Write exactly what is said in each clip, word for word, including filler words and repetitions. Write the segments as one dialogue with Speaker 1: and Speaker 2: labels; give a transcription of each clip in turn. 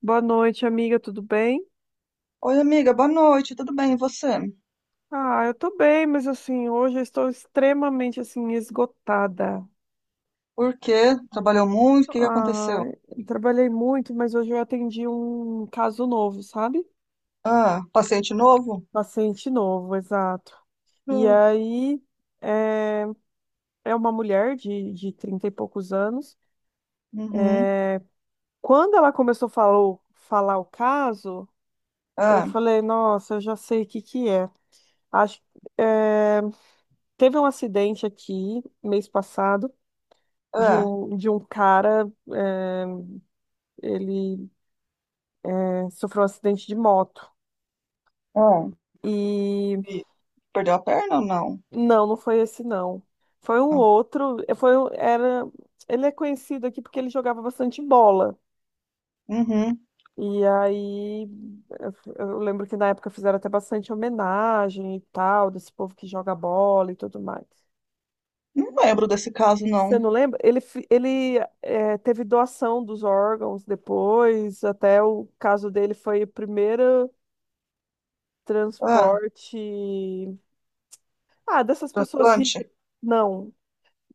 Speaker 1: Boa noite, amiga, tudo bem?
Speaker 2: Oi, amiga, boa noite, tudo bem? E você?
Speaker 1: Ah, eu tô bem, mas assim, hoje eu estou extremamente assim esgotada.
Speaker 2: Por quê? Trabalhou muito? O que que
Speaker 1: Ah,
Speaker 2: aconteceu?
Speaker 1: eu trabalhei muito, mas hoje eu atendi um caso novo, sabe?
Speaker 2: Ah, paciente novo?
Speaker 1: Paciente novo, exato. E
Speaker 2: Ah,
Speaker 1: aí é, é uma mulher de, de trinta e poucos anos.
Speaker 2: uhum.
Speaker 1: Quando ela começou a falou, falar o caso, eu
Speaker 2: Ah,
Speaker 1: falei, nossa, eu já sei o que que é. Acho, é, teve um acidente aqui mês passado, de
Speaker 2: ah,
Speaker 1: um, de um cara, é, ele, é, sofreu um acidente de moto.
Speaker 2: ah.
Speaker 1: E
Speaker 2: E perdeu a perna ou não?
Speaker 1: não, não foi esse não. Foi um
Speaker 2: Ah,
Speaker 1: outro, é, foi, um- era, ele é conhecido aqui porque ele jogava bastante bola.
Speaker 2: uhum.
Speaker 1: E aí eu eu lembro que na época fizeram até bastante homenagem e tal, desse povo que joga bola e tudo mais.
Speaker 2: Não lembro desse caso, não.
Speaker 1: Você não lembra? Ele, fi- ele eh, teve doação dos órgãos depois, até o caso dele foi a primeira
Speaker 2: Ah,
Speaker 1: transporte. Ah, dessas pessoas ricas.
Speaker 2: transplante?
Speaker 1: Não.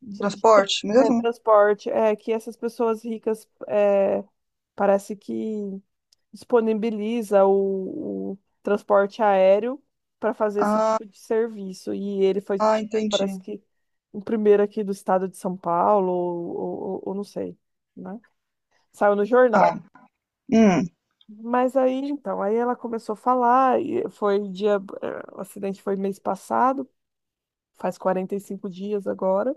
Speaker 1: de- de-
Speaker 2: Transporte
Speaker 1: é
Speaker 2: mesmo?
Speaker 1: transporte. É que essas pessoas ricas, é, parece que disponibiliza o, o transporte aéreo para fazer esse
Speaker 2: Ah,
Speaker 1: tipo de serviço. E ele foi,
Speaker 2: ah,
Speaker 1: tipo, parece
Speaker 2: entendi.
Speaker 1: que o primeiro aqui do estado de São Paulo, ou, ou, ou ou não sei, né? Saiu no jornal.
Speaker 2: Tá. Hum,
Speaker 1: Mas aí, então, aí ela começou a falar, e foi dia, eh, o acidente foi mês passado. Faz quarenta e cinco dias agora.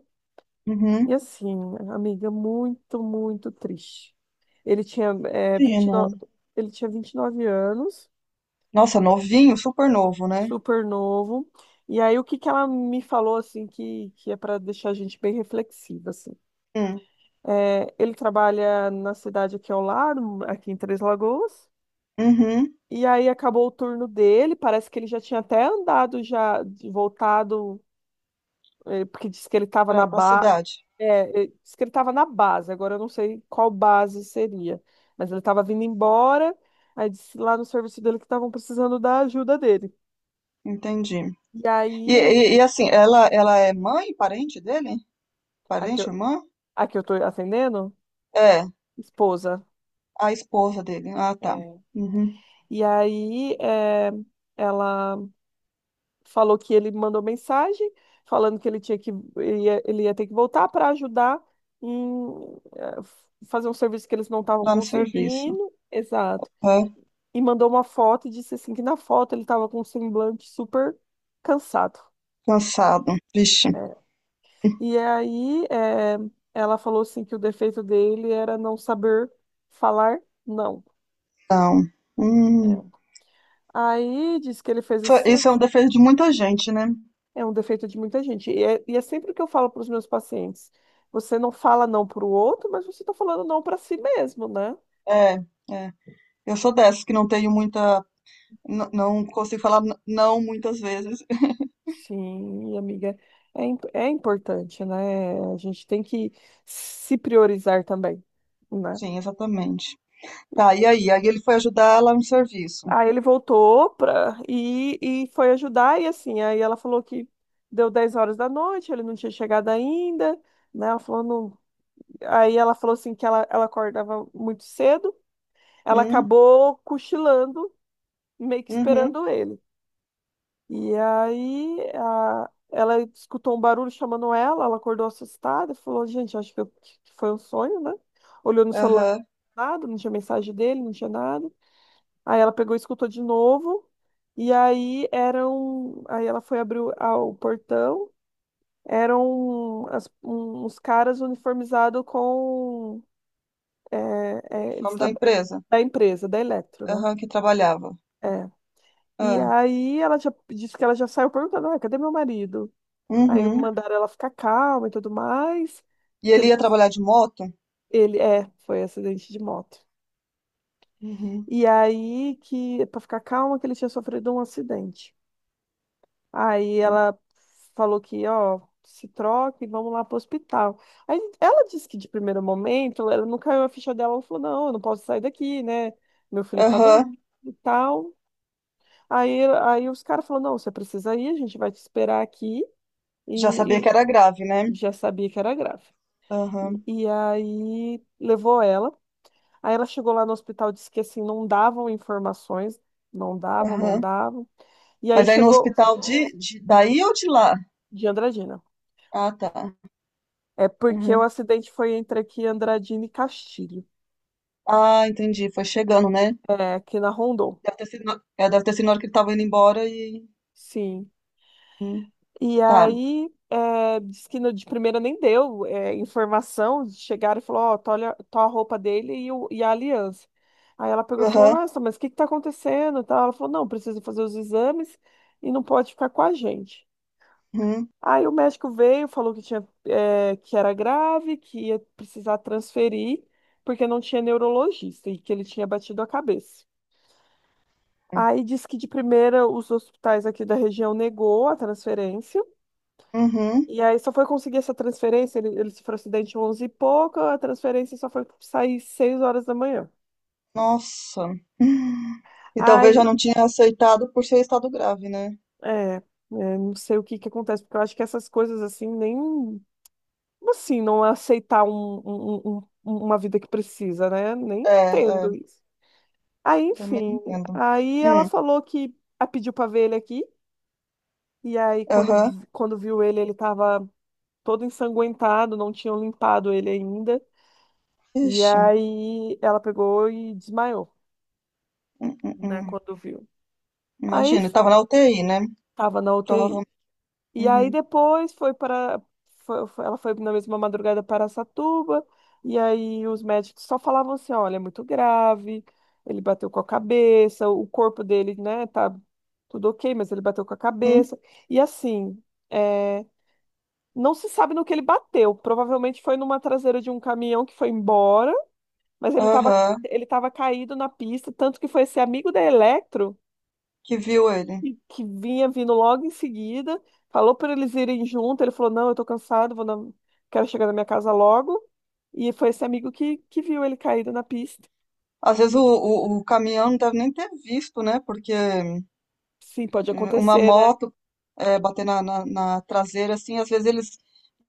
Speaker 1: E
Speaker 2: uhum.
Speaker 1: assim, amiga, muito, muito triste. Ele tinha,
Speaker 2: Sim,
Speaker 1: é, 29,
Speaker 2: não.
Speaker 1: ele tinha vinte e nove anos,
Speaker 2: Nossa, novinho, super novo, né?
Speaker 1: super novo. E aí, o que que ela me falou, assim, que, que é para deixar a gente bem reflexiva, assim.
Speaker 2: Hum,
Speaker 1: É, ele trabalha na cidade aqui ao lado, aqui em Três Lagoas.
Speaker 2: uhum.
Speaker 1: E aí, acabou o turno dele. Parece que ele já tinha até andado, já de- voltado. É, porque disse que ele estava na
Speaker 2: Pra, pra
Speaker 1: ba...
Speaker 2: cidade.
Speaker 1: é, é, disse que ele estava na base, agora eu não sei qual base seria. Mas ele estava vindo embora, aí disse lá no serviço dele que estavam precisando da ajuda dele.
Speaker 2: Entendi.
Speaker 1: E
Speaker 2: E,
Speaker 1: aí ele...
Speaker 2: e- e, assim, ela, ela é mãe, parente dele?
Speaker 1: Aqui eu,
Speaker 2: Parente, irmã?
Speaker 1: aqui eu tô atendendo?
Speaker 2: É,
Speaker 1: Esposa.
Speaker 2: a esposa dele. Ah, tá.
Speaker 1: É.
Speaker 2: Uhum.
Speaker 1: E aí, é, ela falou que ele mandou mensagem falando que ele tinha que ele ia, ele ia ter que voltar para ajudar em é, fazer um serviço que eles não estavam
Speaker 2: Lá no serviço.
Speaker 1: conseguindo. Exato.
Speaker 2: É,
Speaker 1: E mandou uma foto e disse assim que na foto ele estava com um semblante super cansado.
Speaker 2: cansado. Vixe,
Speaker 1: É. E aí, é, ela falou assim que o defeito dele era não saber falar não.
Speaker 2: não. Hum.
Speaker 1: É. Aí disse que ele fez
Speaker 2: Isso
Speaker 1: esse...
Speaker 2: isso é um defeito de muita gente, né?
Speaker 1: É um defeito de muita gente. E é, e é sempre o que eu falo para os meus pacientes. Você não fala não para o outro, mas você está falando não para si mesmo, né?
Speaker 2: É, é. Eu sou dessas que não tenho muita. n- Não consigo falar n- não muitas vezes.
Speaker 1: Sim, amiga. É, im- é importante, né? A gente tem que se priorizar também, né?
Speaker 2: Sim, exatamente. Tá, e aí? Aí ele foi ajudar lá no serviço.
Speaker 1: Aí ele voltou pra, e, e foi ajudar, e assim, aí ela falou que deu dez horas da noite, ele não tinha chegado ainda, né? Ela falou, não... Aí ela falou assim que ela, ela acordava muito cedo, ela
Speaker 2: Hum,
Speaker 1: acabou cochilando, meio que
Speaker 2: uhum,
Speaker 1: esperando ele. E aí a- ela escutou um barulho chamando ela. Ela acordou assustada e falou, gente, acho que, eu- que foi um sonho, né? Olhou no celular,
Speaker 2: aham.
Speaker 1: nada, não tinha mensagem dele, não tinha nada. Aí ela pegou e escutou de novo. E aí eram... Aí ela foi abrir o a- o portão. Eram as- um- uns caras uniformizados com... é, é, eles
Speaker 2: Uniforme da
Speaker 1: trabalham
Speaker 2: empresa.
Speaker 1: da empresa, da Eletro, né?
Speaker 2: Aham, que trabalhava.
Speaker 1: É. E
Speaker 2: Ah,
Speaker 1: aí ela já disse que ela já saiu perguntando, ah, cadê meu marido? Aí
Speaker 2: uhum.
Speaker 1: mandaram ela ficar calma e tudo mais.
Speaker 2: E
Speaker 1: Que
Speaker 2: ele
Speaker 1: ele
Speaker 2: ia
Speaker 1: tinha-
Speaker 2: trabalhar de moto?
Speaker 1: ele, é, foi acidente de moto.
Speaker 2: Uhum.
Speaker 1: E aí que para ficar calma, que ele tinha sofrido um acidente. Aí ela falou que, ó, se troca e vamos lá pro hospital. Aí ela disse que de primeiro momento, ela não caiu a ficha dela, ela falou, não, eu não posso sair daqui, né? Meu filho tá
Speaker 2: Aham.
Speaker 1: dormindo e tal. Aí, aí os caras falaram, não, você precisa ir, a gente vai te esperar aqui.
Speaker 2: Já
Speaker 1: E, e
Speaker 2: sabia que era grave, né?
Speaker 1: já sabia que era grave.
Speaker 2: Aham,
Speaker 1: E, e aí levou ela. Aí ela chegou lá no hospital, disse que assim, não davam informações, não davam, não
Speaker 2: aham.
Speaker 1: davam. E aí
Speaker 2: Mas aí no
Speaker 1: chegou
Speaker 2: hospital de, de- daí ou de lá?
Speaker 1: de Andradina.
Speaker 2: Ah, tá.
Speaker 1: É porque o
Speaker 2: Aham.
Speaker 1: acidente foi entre aqui Andradina e Castilho,
Speaker 2: Ah, entendi. Foi chegando, né?
Speaker 1: é, aqui na Rondon.
Speaker 2: Deve ter sido, na- é, deve ter sido na hora que ele tava indo embora e.
Speaker 1: Sim.
Speaker 2: Hum.
Speaker 1: E
Speaker 2: Tá.
Speaker 1: aí, é, diz que no, de primeira nem deu, é, informação. Chegaram e falou, ó, tá, olha, tá a roupa dele e, o, e a aliança. Aí ela pegou e falou,
Speaker 2: Aham.
Speaker 1: nossa, mas o que que tá acontecendo? E tal. Ela falou, não, precisa fazer os exames e não pode ficar com a gente.
Speaker 2: Uhum.
Speaker 1: Aí o médico veio, falou que tinha, é, que era grave, que ia precisar transferir, porque não tinha neurologista e que ele tinha batido a cabeça. Aí disse que de primeira os hospitais aqui da região negou a transferência.
Speaker 2: Uhum.
Speaker 1: E aí só foi conseguir essa transferência, ele, ele sofreu acidente onze e pouco, a transferência só foi sair seis horas da manhã.
Speaker 2: Nossa. Hum. E talvez já
Speaker 1: Aí,
Speaker 2: não tinha aceitado por ser estado grave, né?
Speaker 1: é, é, não sei o que que acontece, porque eu acho que essas coisas assim, nem, assim, não é aceitar um, um- um- um, uma vida que precisa, né? Nem
Speaker 2: É, é.
Speaker 1: entendo isso. Aí,
Speaker 2: Também
Speaker 1: enfim,
Speaker 2: entendo.
Speaker 1: aí ela
Speaker 2: Hum.
Speaker 1: falou que a pediu pra ver ele aqui, e aí quando,
Speaker 2: Aham.
Speaker 1: quando viu ele, ele tava todo ensanguentado, não tinham limpado ele ainda. E
Speaker 2: Ixi.
Speaker 1: aí ela pegou e desmaiou,
Speaker 2: Hum, hum,
Speaker 1: né,
Speaker 2: hum.
Speaker 1: quando viu. Aí
Speaker 2: Imagina,
Speaker 1: f-
Speaker 2: tava na U T I, né?
Speaker 1: Tava na U T I.
Speaker 2: Provavelmente.
Speaker 1: E
Speaker 2: Uhum.
Speaker 1: aí depois foi para foi- foi- ela foi na mesma madrugada para Satuba, e aí os médicos só falavam assim, olha, é muito grave, ele bateu com a cabeça, o corpo dele, né, tá tudo ok, mas ele bateu com a
Speaker 2: Uhum.
Speaker 1: cabeça. E assim, é, não se sabe no que ele bateu. Provavelmente foi numa traseira de um caminhão que foi embora. Mas ele estava
Speaker 2: Aham.
Speaker 1: ele tava caído na pista, tanto que foi esse amigo da Electro
Speaker 2: Que viu ele.
Speaker 1: que, que vinha vindo logo em seguida. Falou para eles irem junto, ele falou, não, eu tô cansado, vou na- quero chegar na minha casa logo. E foi esse amigo que, que viu ele caído na pista.
Speaker 2: Às vezes o, o, o caminhão não deve nem ter visto, né? Porque eh,
Speaker 1: Sim, pode
Speaker 2: uma
Speaker 1: acontecer, né?
Speaker 2: moto eh, bater na, na, na traseira, assim, às vezes eles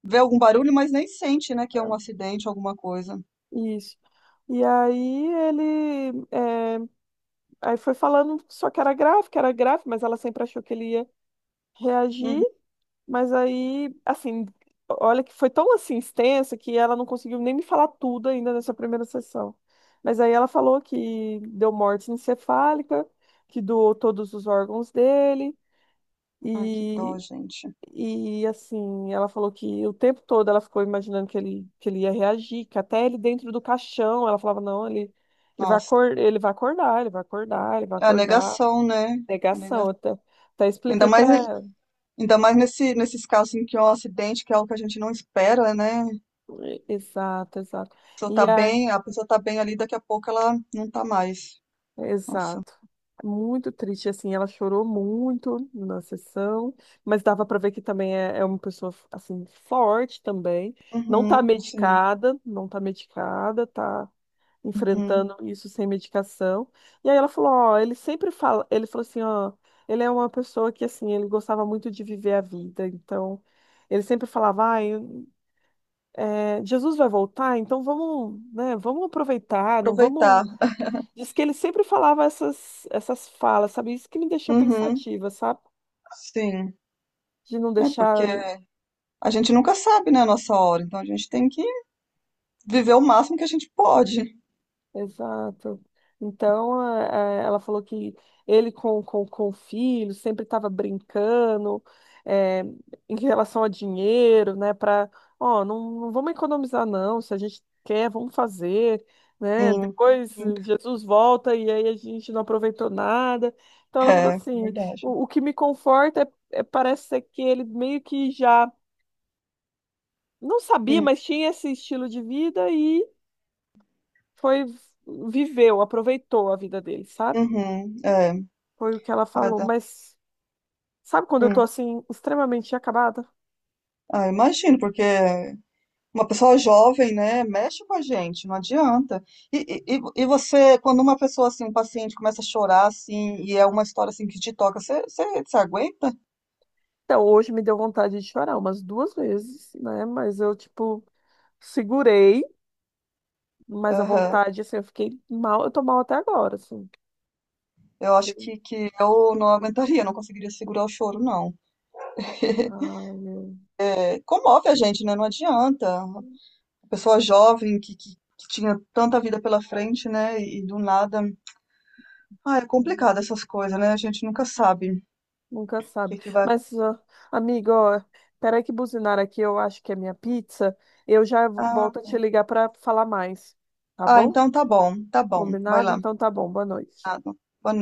Speaker 2: vê algum barulho, mas nem sente, né? Que é um acidente, alguma coisa.
Speaker 1: Isso. E aí ele é, aí foi falando só que era grave, que era grave, mas ela sempre achou que ele ia reagir.
Speaker 2: Uhum.
Speaker 1: Mas aí, assim, olha que foi tão assim extensa que ela não conseguiu nem me falar tudo ainda nessa primeira sessão. Mas aí ela falou que deu morte encefálica, que doou todos os órgãos dele
Speaker 2: Ai, que dó,
Speaker 1: e
Speaker 2: gente.
Speaker 1: e assim, ela falou que o tempo todo ela ficou imaginando que ele que ele ia reagir, que até ele dentro do caixão, ela falava não, ele ele vai
Speaker 2: Nossa.
Speaker 1: acor ele vai acordar, ele vai acordar, ele vai
Speaker 2: É a
Speaker 1: acordar.
Speaker 2: negação, né? A negação.
Speaker 1: Negação, até, até
Speaker 2: Ainda
Speaker 1: expliquei para
Speaker 2: mais, em-
Speaker 1: ela.
Speaker 2: Ainda mais nesse, nesses casos em que é um acidente, que é algo que a gente não espera, né? A
Speaker 1: Exato, exato.
Speaker 2: pessoa
Speaker 1: E
Speaker 2: tá
Speaker 1: a,
Speaker 2: bem, a pessoa tá bem ali, daqui a pouco ela não tá mais. Nossa.
Speaker 1: Exato. Muito triste, assim, ela chorou muito na sessão, mas dava para ver que também é, é uma pessoa, assim, forte também, não tá
Speaker 2: Uhum, sim.
Speaker 1: medicada, não tá medicada, tá
Speaker 2: Uhum.
Speaker 1: enfrentando isso sem medicação. E aí ela falou, ó, ele sempre fala, ele falou assim, ó, ele é uma pessoa que, assim, ele gostava muito de viver a vida, então, ele sempre falava, ai, é, Jesus vai voltar, então vamos, né, vamos aproveitar, não vamos...
Speaker 2: Aproveitar.
Speaker 1: Diz que ele sempre falava essas, essas falas, sabe? Isso que me deixou
Speaker 2: Uhum,
Speaker 1: pensativa, sabe?
Speaker 2: sim.
Speaker 1: De não
Speaker 2: É porque
Speaker 1: deixar.
Speaker 2: a gente nunca sabe, né, a nossa hora, então a gente tem que viver o máximo que a gente pode.
Speaker 1: Exato. Então, eh, eh, ela falou que ele com, com, com o filho sempre estava brincando, eh, em relação a dinheiro, né? Para, ó, não, não vamos economizar, não. Se a gente quer, vamos fazer, né?
Speaker 2: Sim.
Speaker 1: Depois,
Speaker 2: Uhum.
Speaker 1: eh, Jesus volta e aí a gente não aproveitou nada. Então, ela falou
Speaker 2: É,
Speaker 1: assim:
Speaker 2: verdade.
Speaker 1: o, o que me conforta é, é- parece ser que ele meio que já... Não sabia,
Speaker 2: Hum.
Speaker 1: mas tinha esse estilo de vida e foi, viveu, aproveitou a vida dele, sabe?
Speaker 2: Uhum, é.
Speaker 1: Foi o que ela
Speaker 2: Ah,
Speaker 1: falou.
Speaker 2: dá-
Speaker 1: Mas sabe quando eu tô
Speaker 2: hum.
Speaker 1: assim, extremamente acabada?
Speaker 2: Ah, imagino, porque uma pessoa jovem, né, mexe com a gente, não adianta. E, e, e e você, quando uma pessoa, assim, um paciente começa a chorar, assim, e é uma história, assim, que te toca, você, você, você aguenta?
Speaker 1: Então, hoje me deu vontade de chorar umas duas vezes, né? Mas eu, tipo, segurei, mas a vontade, assim, eu fiquei mal, eu tô mal até agora, assim.
Speaker 2: Eu acho
Speaker 1: Que-
Speaker 2: que, que eu não aguentaria, não conseguiria segurar o choro, não.
Speaker 1: Ai, meu
Speaker 2: É, comove a gente, né? Não adianta. A pessoa jovem que, que, que tinha tanta vida pela frente, né? E, do nada. Ah, é complicado
Speaker 1: Deus.
Speaker 2: essas coisas, né? A gente nunca sabe o
Speaker 1: Nunca sabe.
Speaker 2: que, que vai.
Speaker 1: Mas, ó, amiga, ó, peraí que buzinaram aqui, eu acho que é minha pizza. Eu já
Speaker 2: Ah,
Speaker 1: volto a te ligar para falar mais, tá
Speaker 2: ah,
Speaker 1: bom?
Speaker 2: então tá bom, tá bom. Vai
Speaker 1: Combinado?
Speaker 2: lá.
Speaker 1: Então tá bom, boa noite.
Speaker 2: Ah, boa